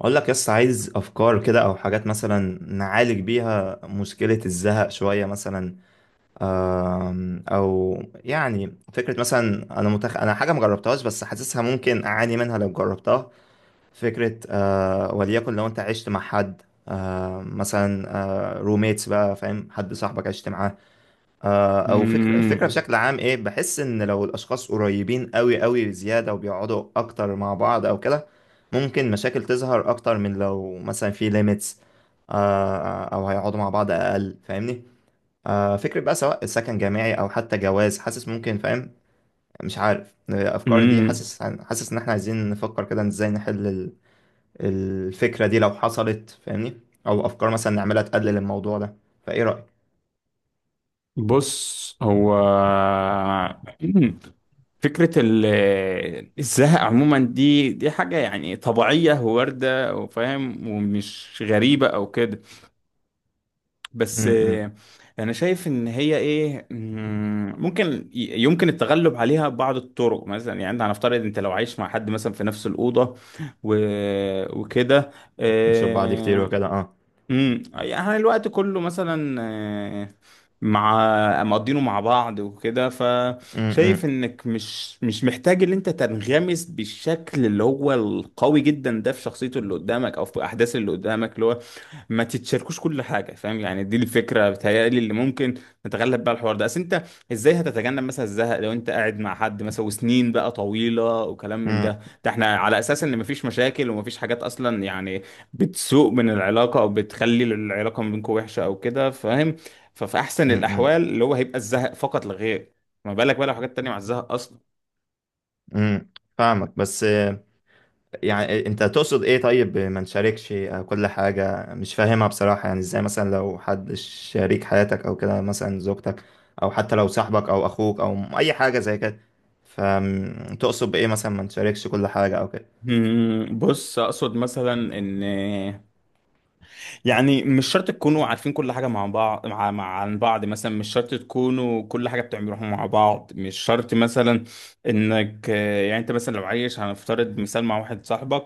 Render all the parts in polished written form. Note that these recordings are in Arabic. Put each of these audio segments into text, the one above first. اقول لك يس عايز افكار كده او حاجات مثلا نعالج بيها مشكلة الزهق شوية مثلا. او فكرة مثلا انا حاجة مجربتهاش بس حاسسها ممكن اعاني منها لو جربتها فكرة. وليكن لو انت عشت مع حد. مثلا روميتس بقى، فاهم، حد صاحبك عشت معاه. او فكرة، الفكرة مم. بشكل عام ايه، بحس ان لو الاشخاص قريبين قوي بزيادة وبيقعدوا اكتر مع بعض او كده، ممكن مشاكل تظهر اكتر من لو مثلا في ليميتس. آه، او هيقعدوا مع بعض اقل، فاهمني؟ فكرة بقى سواء سكن جامعي او حتى جواز، حاسس ممكن، فاهم؟ مش عارف الافكار دي. مم. حاسس ان احنا عايزين نفكر كده ازاي نحل الفكرة دي لو حصلت، فاهمني؟ او افكار مثلا نعملها تقلل الموضوع ده. فايه رأيك؟ بص هو مم. فكرة الزهق عموما دي حاجة، يعني طبيعية وواردة وفاهم ومش غريبة أو كده. بس م- م. أنا شايف إن هي إيه، ممكن يمكن التغلب عليها ببعض الطرق. مثلا يعني أنت، هنفترض أنت لو عايش مع حد مثلا في نفس الأوضة و... وكده. نشوف بعض كتير آه، وكده اه. يعني الوقت كله مثلا، مع مقضينه مع بعض وكده، امم فشايف انك مش محتاج ان انت تنغمس بالشكل اللي هو القوي جدا ده في شخصيته اللي قدامك او في احداث اللي قدامك، اللي هو ما تتشاركوش كل حاجه فاهم. يعني دي الفكره بتهيألي اللي ممكن نتغلب بقى الحوار ده، اصل انت ازاي هتتجنب مثلا الزهق لو انت قاعد مع حد مثلا وسنين بقى طويله وكلام من امم ده؟ ده احنا على اساس ان مفيش مشاكل ومفيش حاجات اصلا يعني بتسوء من العلاقه او بتخلي العلاقه ما بينكم وحشه او كده فاهم. ففي احسن الاحوال اللي هو هيبقى الزهق فقط لا غير، ما بالك بقى لو حاجات تانية مع الزهق اصلا. امم فاهمك بس، يعني انت تقصد ايه؟ طيب ما نشاركش كل حاجة، مش فاهمها بصراحة. يعني ازاي مثلا لو حد شريك حياتك او كده، مثلا زوجتك، او حتى لو صاحبك او اخوك او اي حاجة زي كده، فتقصد بايه مثلا ما نشاركش كل حاجة او كده؟ بص، اقصد مثلا ان يعني مش شرط تكونوا عارفين كل حاجه مع بعض، مع عن بعض مثلا، مش شرط تكونوا كل حاجه بتعملوها مع بعض، مش شرط مثلا انك يعني انت مثلا لو عايش، هنفترض مثال، مع واحد صاحبك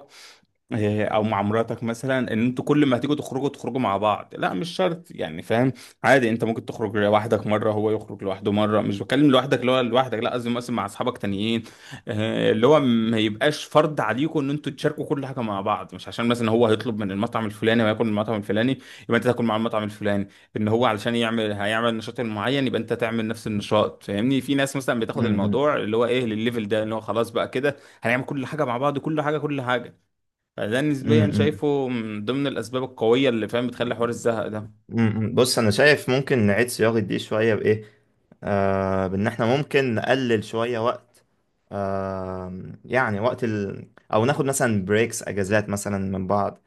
او مع مراتك مثلا، ان انتوا كل ما هتيجوا تخرجوا تخرجوا مع بعض لا مش شرط يعني فاهم. عادي، انت ممكن تخرج لوحدك مره، هو يخرج لوحده مره، مش بتكلم لوحدك اللي هو لوحدك، لا قصدي مثلا مع اصحابك تانيين. اللي هو ما يبقاش فرض عليكم ان انتوا تشاركوا كل حاجه مع بعض، مش عشان مثلا هو هيطلب من المطعم الفلاني وياكل من المطعم الفلاني يبقى انت تاكل مع المطعم الفلاني، ان هو علشان يعمل هيعمل النشاط المعين يبقى انت تعمل نفس النشاط فاهمني. في ناس مثلا بتاخد الموضوع اللي هو ايه للليفل ده اللي هو خلاص بقى كده، هنعمل كل حاجه مع بعض، كل حاجه كل حاجه. فده نسبيا امم شايفه من ضمن الأسباب القوية اللي فاهم بتخلي حوار الزهق ده. م- م. بص انا شايف ممكن نعيد صياغة دي شوية بايه، آه، بان احنا ممكن نقلل شوية وقت، آه، يعني او ناخد مثلا بريكس، اجازات مثلا من بعض،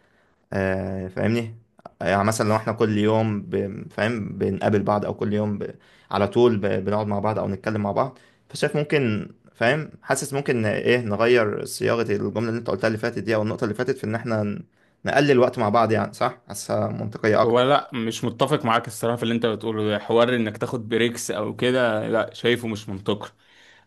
آه، فاهمني؟ يعني مثلا لو احنا كل يوم فاهم بنقابل بعض، او كل يوم على طول بنقعد مع بعض او نتكلم مع بعض، فشايف ممكن، فاهم؟ حاسس ممكن ايه نغير صياغة الجملة اللي انت قلتها اللي فاتت دي، او النقطة اللي فاتت، في ان احنا نقلل وقت مع بعض، يعني صح؟ حاسسها منطقية هو اكتر. لا، مش متفق معاك الصراحة في اللي انت بتقوله ده، حوار انك تاخد بريكس او كده، لا شايفه مش منطقي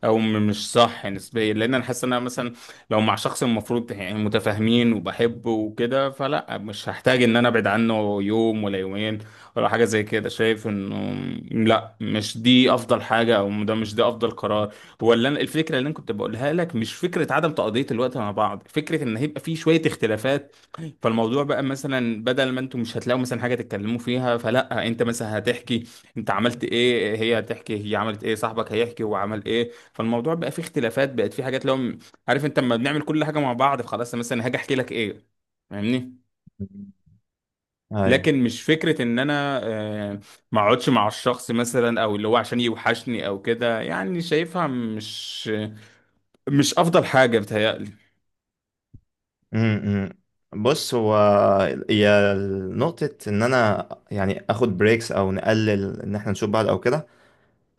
او مش صح نسبيا. لان انا حاسس ان انا مثلا لو مع شخص المفروض يعني متفاهمين وبحبه وكده، فلا مش هحتاج ان انا ابعد عنه يوم ولا يومين ولا حاجه زي كده. شايف انه لا مش دي افضل حاجه، او ده مش ده افضل قرار. ولا الفكره اللي انا كنت بقولها لك مش فكره عدم تقضيه الوقت مع بعض، فكره ان هيبقى في شويه اختلافات. فالموضوع بقى مثلا بدل ما انتم مش هتلاقوا مثلا حاجه تتكلموا فيها، فلا انت مثلا هتحكي انت عملت ايه، هي هتحكي هي عملت ايه، صاحبك هيحكي هو عمل ايه. فالموضوع بقى فيه اختلافات، بقت فيه حاجات. لو عارف انت لما بنعمل كل حاجه مع بعض فخلاص مثلا هاجي احكي لك ايه؟ فاهمني. ايوه. لكن مش فكره ان انا ما اقعدش مع الشخص مثلا او اللي هو عشان يوحشني او كده، يعني شايفها مش افضل حاجه بتهيألي. امم بص هو هي نقطة إن أنا يعني آخد بريكس أو نقلل إن إحنا نشوف بعض أو كده،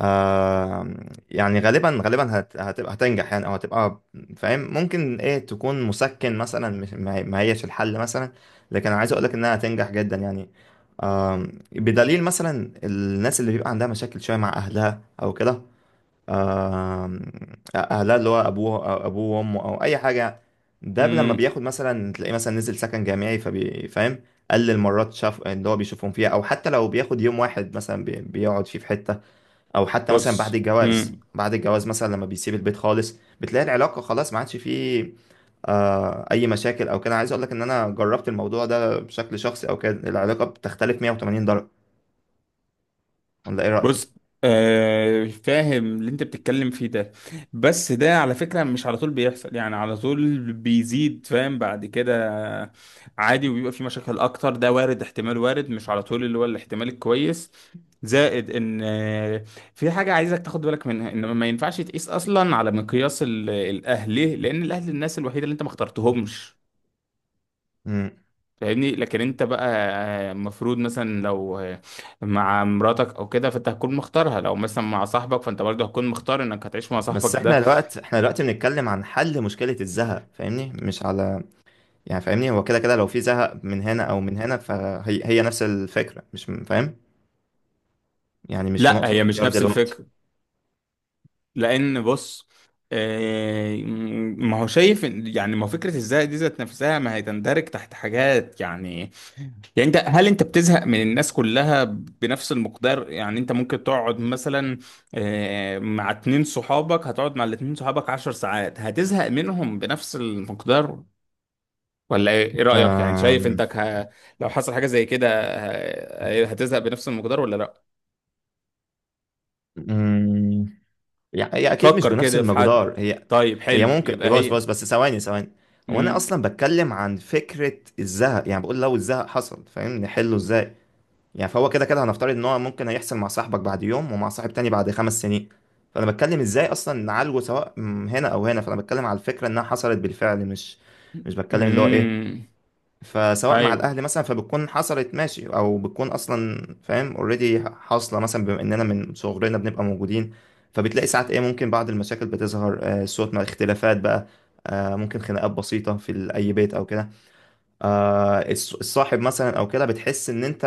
آه، يعني غالبا هتبقى هتنجح يعني أو هتبقى، فاهم، ممكن إيه تكون مسكن مثلا، مش ما هيش الحل مثلا، لكن أنا عايز أقولك إنها هتنجح جدا يعني. آه، بدليل مثلا الناس اللي بيبقى عندها مشاكل شوية مع أهلها أو كده، آم، اهلها اللي هو ابوه أو ابوه وامه او اي حاجه، ده لما امم. بياخد مثلا، تلاقيه مثلا نزل سكن جامعي فبيفهم، قلل مرات شاف اللي هو بيشوفهم فيها، او حتى لو بياخد يوم واحد مثلا بيقعد فيه في حته، او حتى مثلا بعد بص الجواز، بعد الجواز مثلا لما بيسيب البيت خالص، بتلاقي العلاقه خلاص ما عادش فيه اي مشاكل او كده. عايز اقول لك ان انا جربت الموضوع ده بشكل شخصي او كده، العلاقه بتختلف 180 درجه. ولا ايه رايك؟ بص، فاهم اللي انت بتتكلم فيه ده، بس ده على فكرة مش على طول بيحصل يعني، على طول بيزيد فاهم بعد كده عادي وبيبقى في مشاكل اكتر. ده وارد، احتمال وارد، مش على طول اللي هو الاحتمال الكويس. زائد ان في حاجة عايزك تاخد بالك منها، ان ما ينفعش تقيس اصلا على مقياس الاهل. ليه؟ لان الاهل الناس الوحيدة اللي انت ما اخترتهمش فاهمني. لكن انت بقى المفروض مثلا لو مع مراتك او كده فانت هتكون مختارها، لو مثلا مع صاحبك فانت برضه هتكون مختار انك هتعيش مع بس صاحبك ده. احنا دلوقتي، بنتكلم عن حل مشكلة الزهق، فاهمني؟ مش على، يعني فاهمني، هو كده كده لو في زهق من هنا او من هنا، فهي نفس الفكرة، مش م- فاهم؟ يعني مش في لا نقطة هي مش اختيار نفس دلوقتي. الفكر، لان بص آه، ما هو شايف يعني ما هو فكرة الزهق دي ذات نفسها ما هي تندرج تحت حاجات يعني. يعني انت، هل انت بتزهق من الناس كلها بنفس المقدار؟ يعني انت ممكن تقعد مثلا مع اتنين صحابك، هتقعد مع الاتنين صحابك عشر ساعات، هتزهق منهم بنفس المقدار ولا ايه، رأيك يعني؟ شايف أم... انك لو حصل حاجة زي كده هتزهق بنفس المقدار ولا لا؟ أم، يعني هي اكيد مش فكر بنفس كده في حد. المقدار. هي طيب هي حلو، ممكن، يبقى بص هي. بص بس، ثواني. هو انا امم. اصلا بتكلم عن فكرة الزهق، يعني بقول لو الزهق حصل، فاهم، نحله ازاي؟ يعني فهو كده كده هنفترض ان هو ممكن هيحصل مع صاحبك بعد يوم، ومع صاحب تاني بعد 5 سنين، فانا بتكلم ازاي اصلا نعالجه، هنا او هنا، فانا بتكلم على الفكره انها حصلت بالفعل، مش، مش بتكلم اللي هو ايه. امم. فسواء مع ايوه. الاهل مثلا، فبتكون حصلت، ماشي، او بتكون اصلا، فاهم، اوريدي حاصله مثلا، بما اننا من صغرنا بنبقى موجودين، فبتلاقي ساعات ايه، ممكن بعض المشاكل بتظهر، آه، صوت مع اختلافات بقى، آه، ممكن خناقات بسيطه في اي بيت او كده، آه، الصاحب مثلا او كده، بتحس ان انت،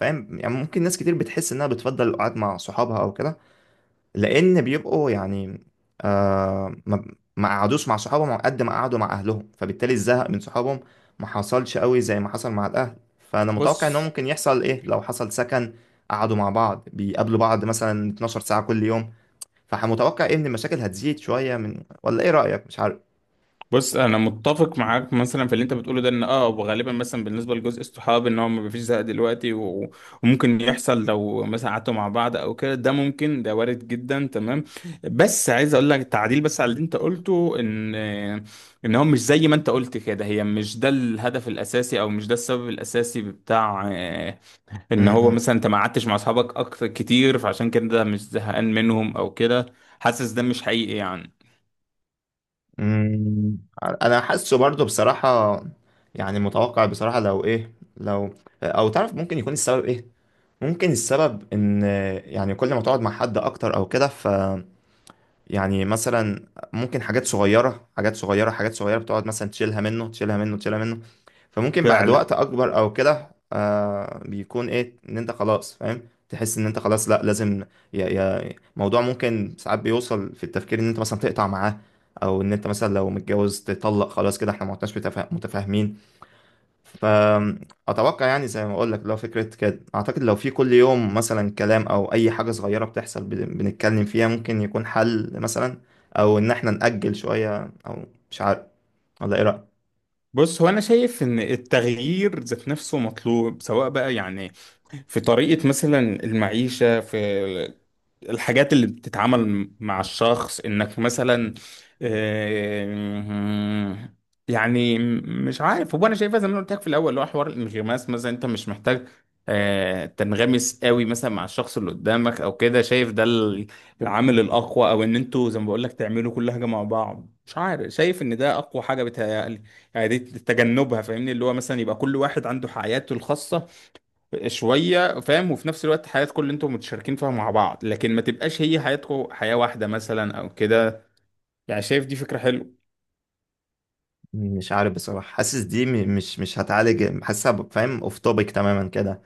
فاهم؟ يعني ممكن ناس كتير بتحس انها بتفضل القعاد مع صحابها او كده، لان بيبقوا يعني، آه، ما قعدوش مع صحابهم قد ما قعدوا مع اهلهم، فبالتالي الزهق من صحابهم ما حصلش قوي زي ما حصل مع الاهل. فانا متوقع انه بص ممكن يحصل ايه لو حصل سكن، قعدوا مع بعض، بيقابلوا بعض مثلا 12 ساعة كل يوم، فمتوقع ايه ان المشاكل هتزيد شوية، من، ولا ايه رأيك؟ مش بص، انا متفق معاك مثلا في اللي انت بتقوله ده، ان اه وغالبا مثلا بالنسبه لجزء الصحاب ان هو ما فيش زهق دلوقتي وممكن يحصل لو مثلا قعدتوا مع بعض او كده، ده ممكن، ده وارد جدا تمام. بس عايز اقول لك تعديل بس على اللي انت قلته، ان هو مش زي ما انت قلت كده، هي مش ده الهدف الاساسي او مش ده السبب الاساسي بتاع ان هو عارف. مثلا انت ما قعدتش مع اصحابك اكتر كتير فعشان كده مش زهقان منهم او كده. حاسس ده مش حقيقي يعني. مم، انا حاسه برضو بصراحة، يعني متوقع بصراحة لو ايه، لو، او تعرف ممكن يكون السبب ايه، ممكن السبب ان، يعني كل ما تقعد مع حد اكتر او كده ف، يعني مثلا، ممكن حاجات صغيرة، بتقعد مثلا تشيلها منه، تشيلها منه، فممكن بعد وقت فعلا. أكبر أو كده، آه، بيكون إيه، إن أنت خلاص، فاهم، تحس إن أنت خلاص لأ لازم، يا موضوع، ممكن ساعات بيوصل في التفكير إن أنت مثلا تقطع معاه، أو إن أنت مثلا لو متجوز تطلق، خلاص كده إحنا ما عدناش متفاهمين. فأتوقع، يعني زي ما أقول لك، لو فكرة كده، أعتقد لو في كل يوم مثلا كلام أو أي حاجة صغيرة بتحصل بنتكلم فيها ممكن يكون حل مثلا، أو إن إحنا نأجل شوية، أو مش عارف. ولا إيه رأيك؟ بص هو، انا شايف ان التغيير ذات نفسه مطلوب سواء بقى يعني في طريقة مثلا المعيشة، في الحاجات اللي بتتعامل مع الشخص انك مثلا آه، يعني مش عارف، هو انا شايفها زي ما أنا قلت لك في الاول اللي هو حوار الانغماس. مثلا انت مش محتاج تنغمس قوي مثلا مع الشخص اللي قدامك او كده. شايف ده العامل الاقوى، او ان انتوا زي ما بقول لك تعملوا كل حاجة مع بعض. مش عارف، شايف ان ده اقوى حاجة بتهيألي. يعني دي تجنبها فاهمني، اللي هو مثلا يبقى كل واحد عنده حياته الخاصة شويه فاهم، وفي نفس الوقت حياتكم اللي انتم متشاركين فيها مع بعض، لكن ما تبقاش هي حياتكم حياه واحده مثلا او كده. يعني شايف دي فكره حلوه. مش عارف بصراحة، حاسس دي مش هتعالج، حاسسها فاهم أوف توبيك تماما كده.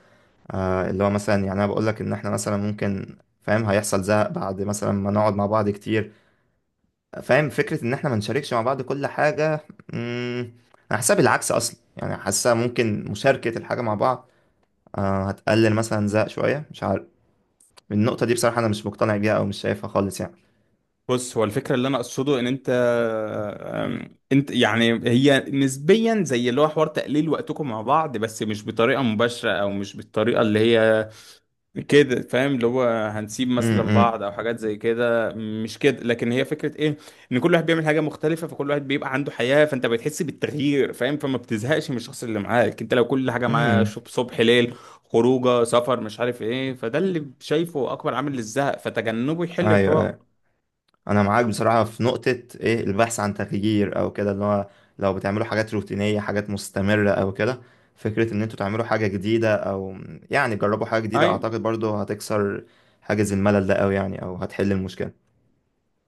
آه، اللي هو مثلا، يعني أنا بقول لك إن إحنا مثلا ممكن، فاهم، هيحصل زهق بعد مثلا ما نقعد مع بعض كتير، فاهم؟ فكرة ان احنا ما نشاركش مع بعض كل حاجة، مم، انا حاسسها بالعكس اصلا، يعني حاسسها ممكن مشاركة الحاجة مع بعض، آه، هتقلل مثلا زق شوية، مش عارف. النقطة دي بصراحة انا مش مقتنع بيها او مش شايفها خالص يعني. بص هو الفكره اللي انا اقصده، ان انت انت يعني هي نسبيا زي اللي هو حوار تقليل وقتكم مع بعض، بس مش بطريقه مباشره او مش بالطريقه اللي هي كده فاهم، اللي هو هنسيب مثلا امم بعض او حاجات زي كده، مش كده. لكن هي فكره ايه ان كل واحد بيعمل حاجه مختلفه فكل واحد بيبقى عنده حياه، فانت بتحس بالتغيير فاهم، فما بتزهقش من الشخص اللي معاك. انت لو كل حاجه معاه امم صبح ليل، خروجه سفر مش عارف ايه، فده اللي شايفه اكبر عامل للزهق، فتجنبه يحل ايوه، الحوار. أيوة. انا معاك بصراحة في نقطة ايه، البحث عن تغيير او كده، اللي هو لو بتعملوا حاجات روتينية، حاجات مستمرة او كده، فكرة ان انتوا تعملوا حاجة جديدة، او يعني جربوا حاجة جديدة، ايوه. اعتقد برضو هتكسر حاجز الملل ده قوي يعني، او هتحل المشكلة.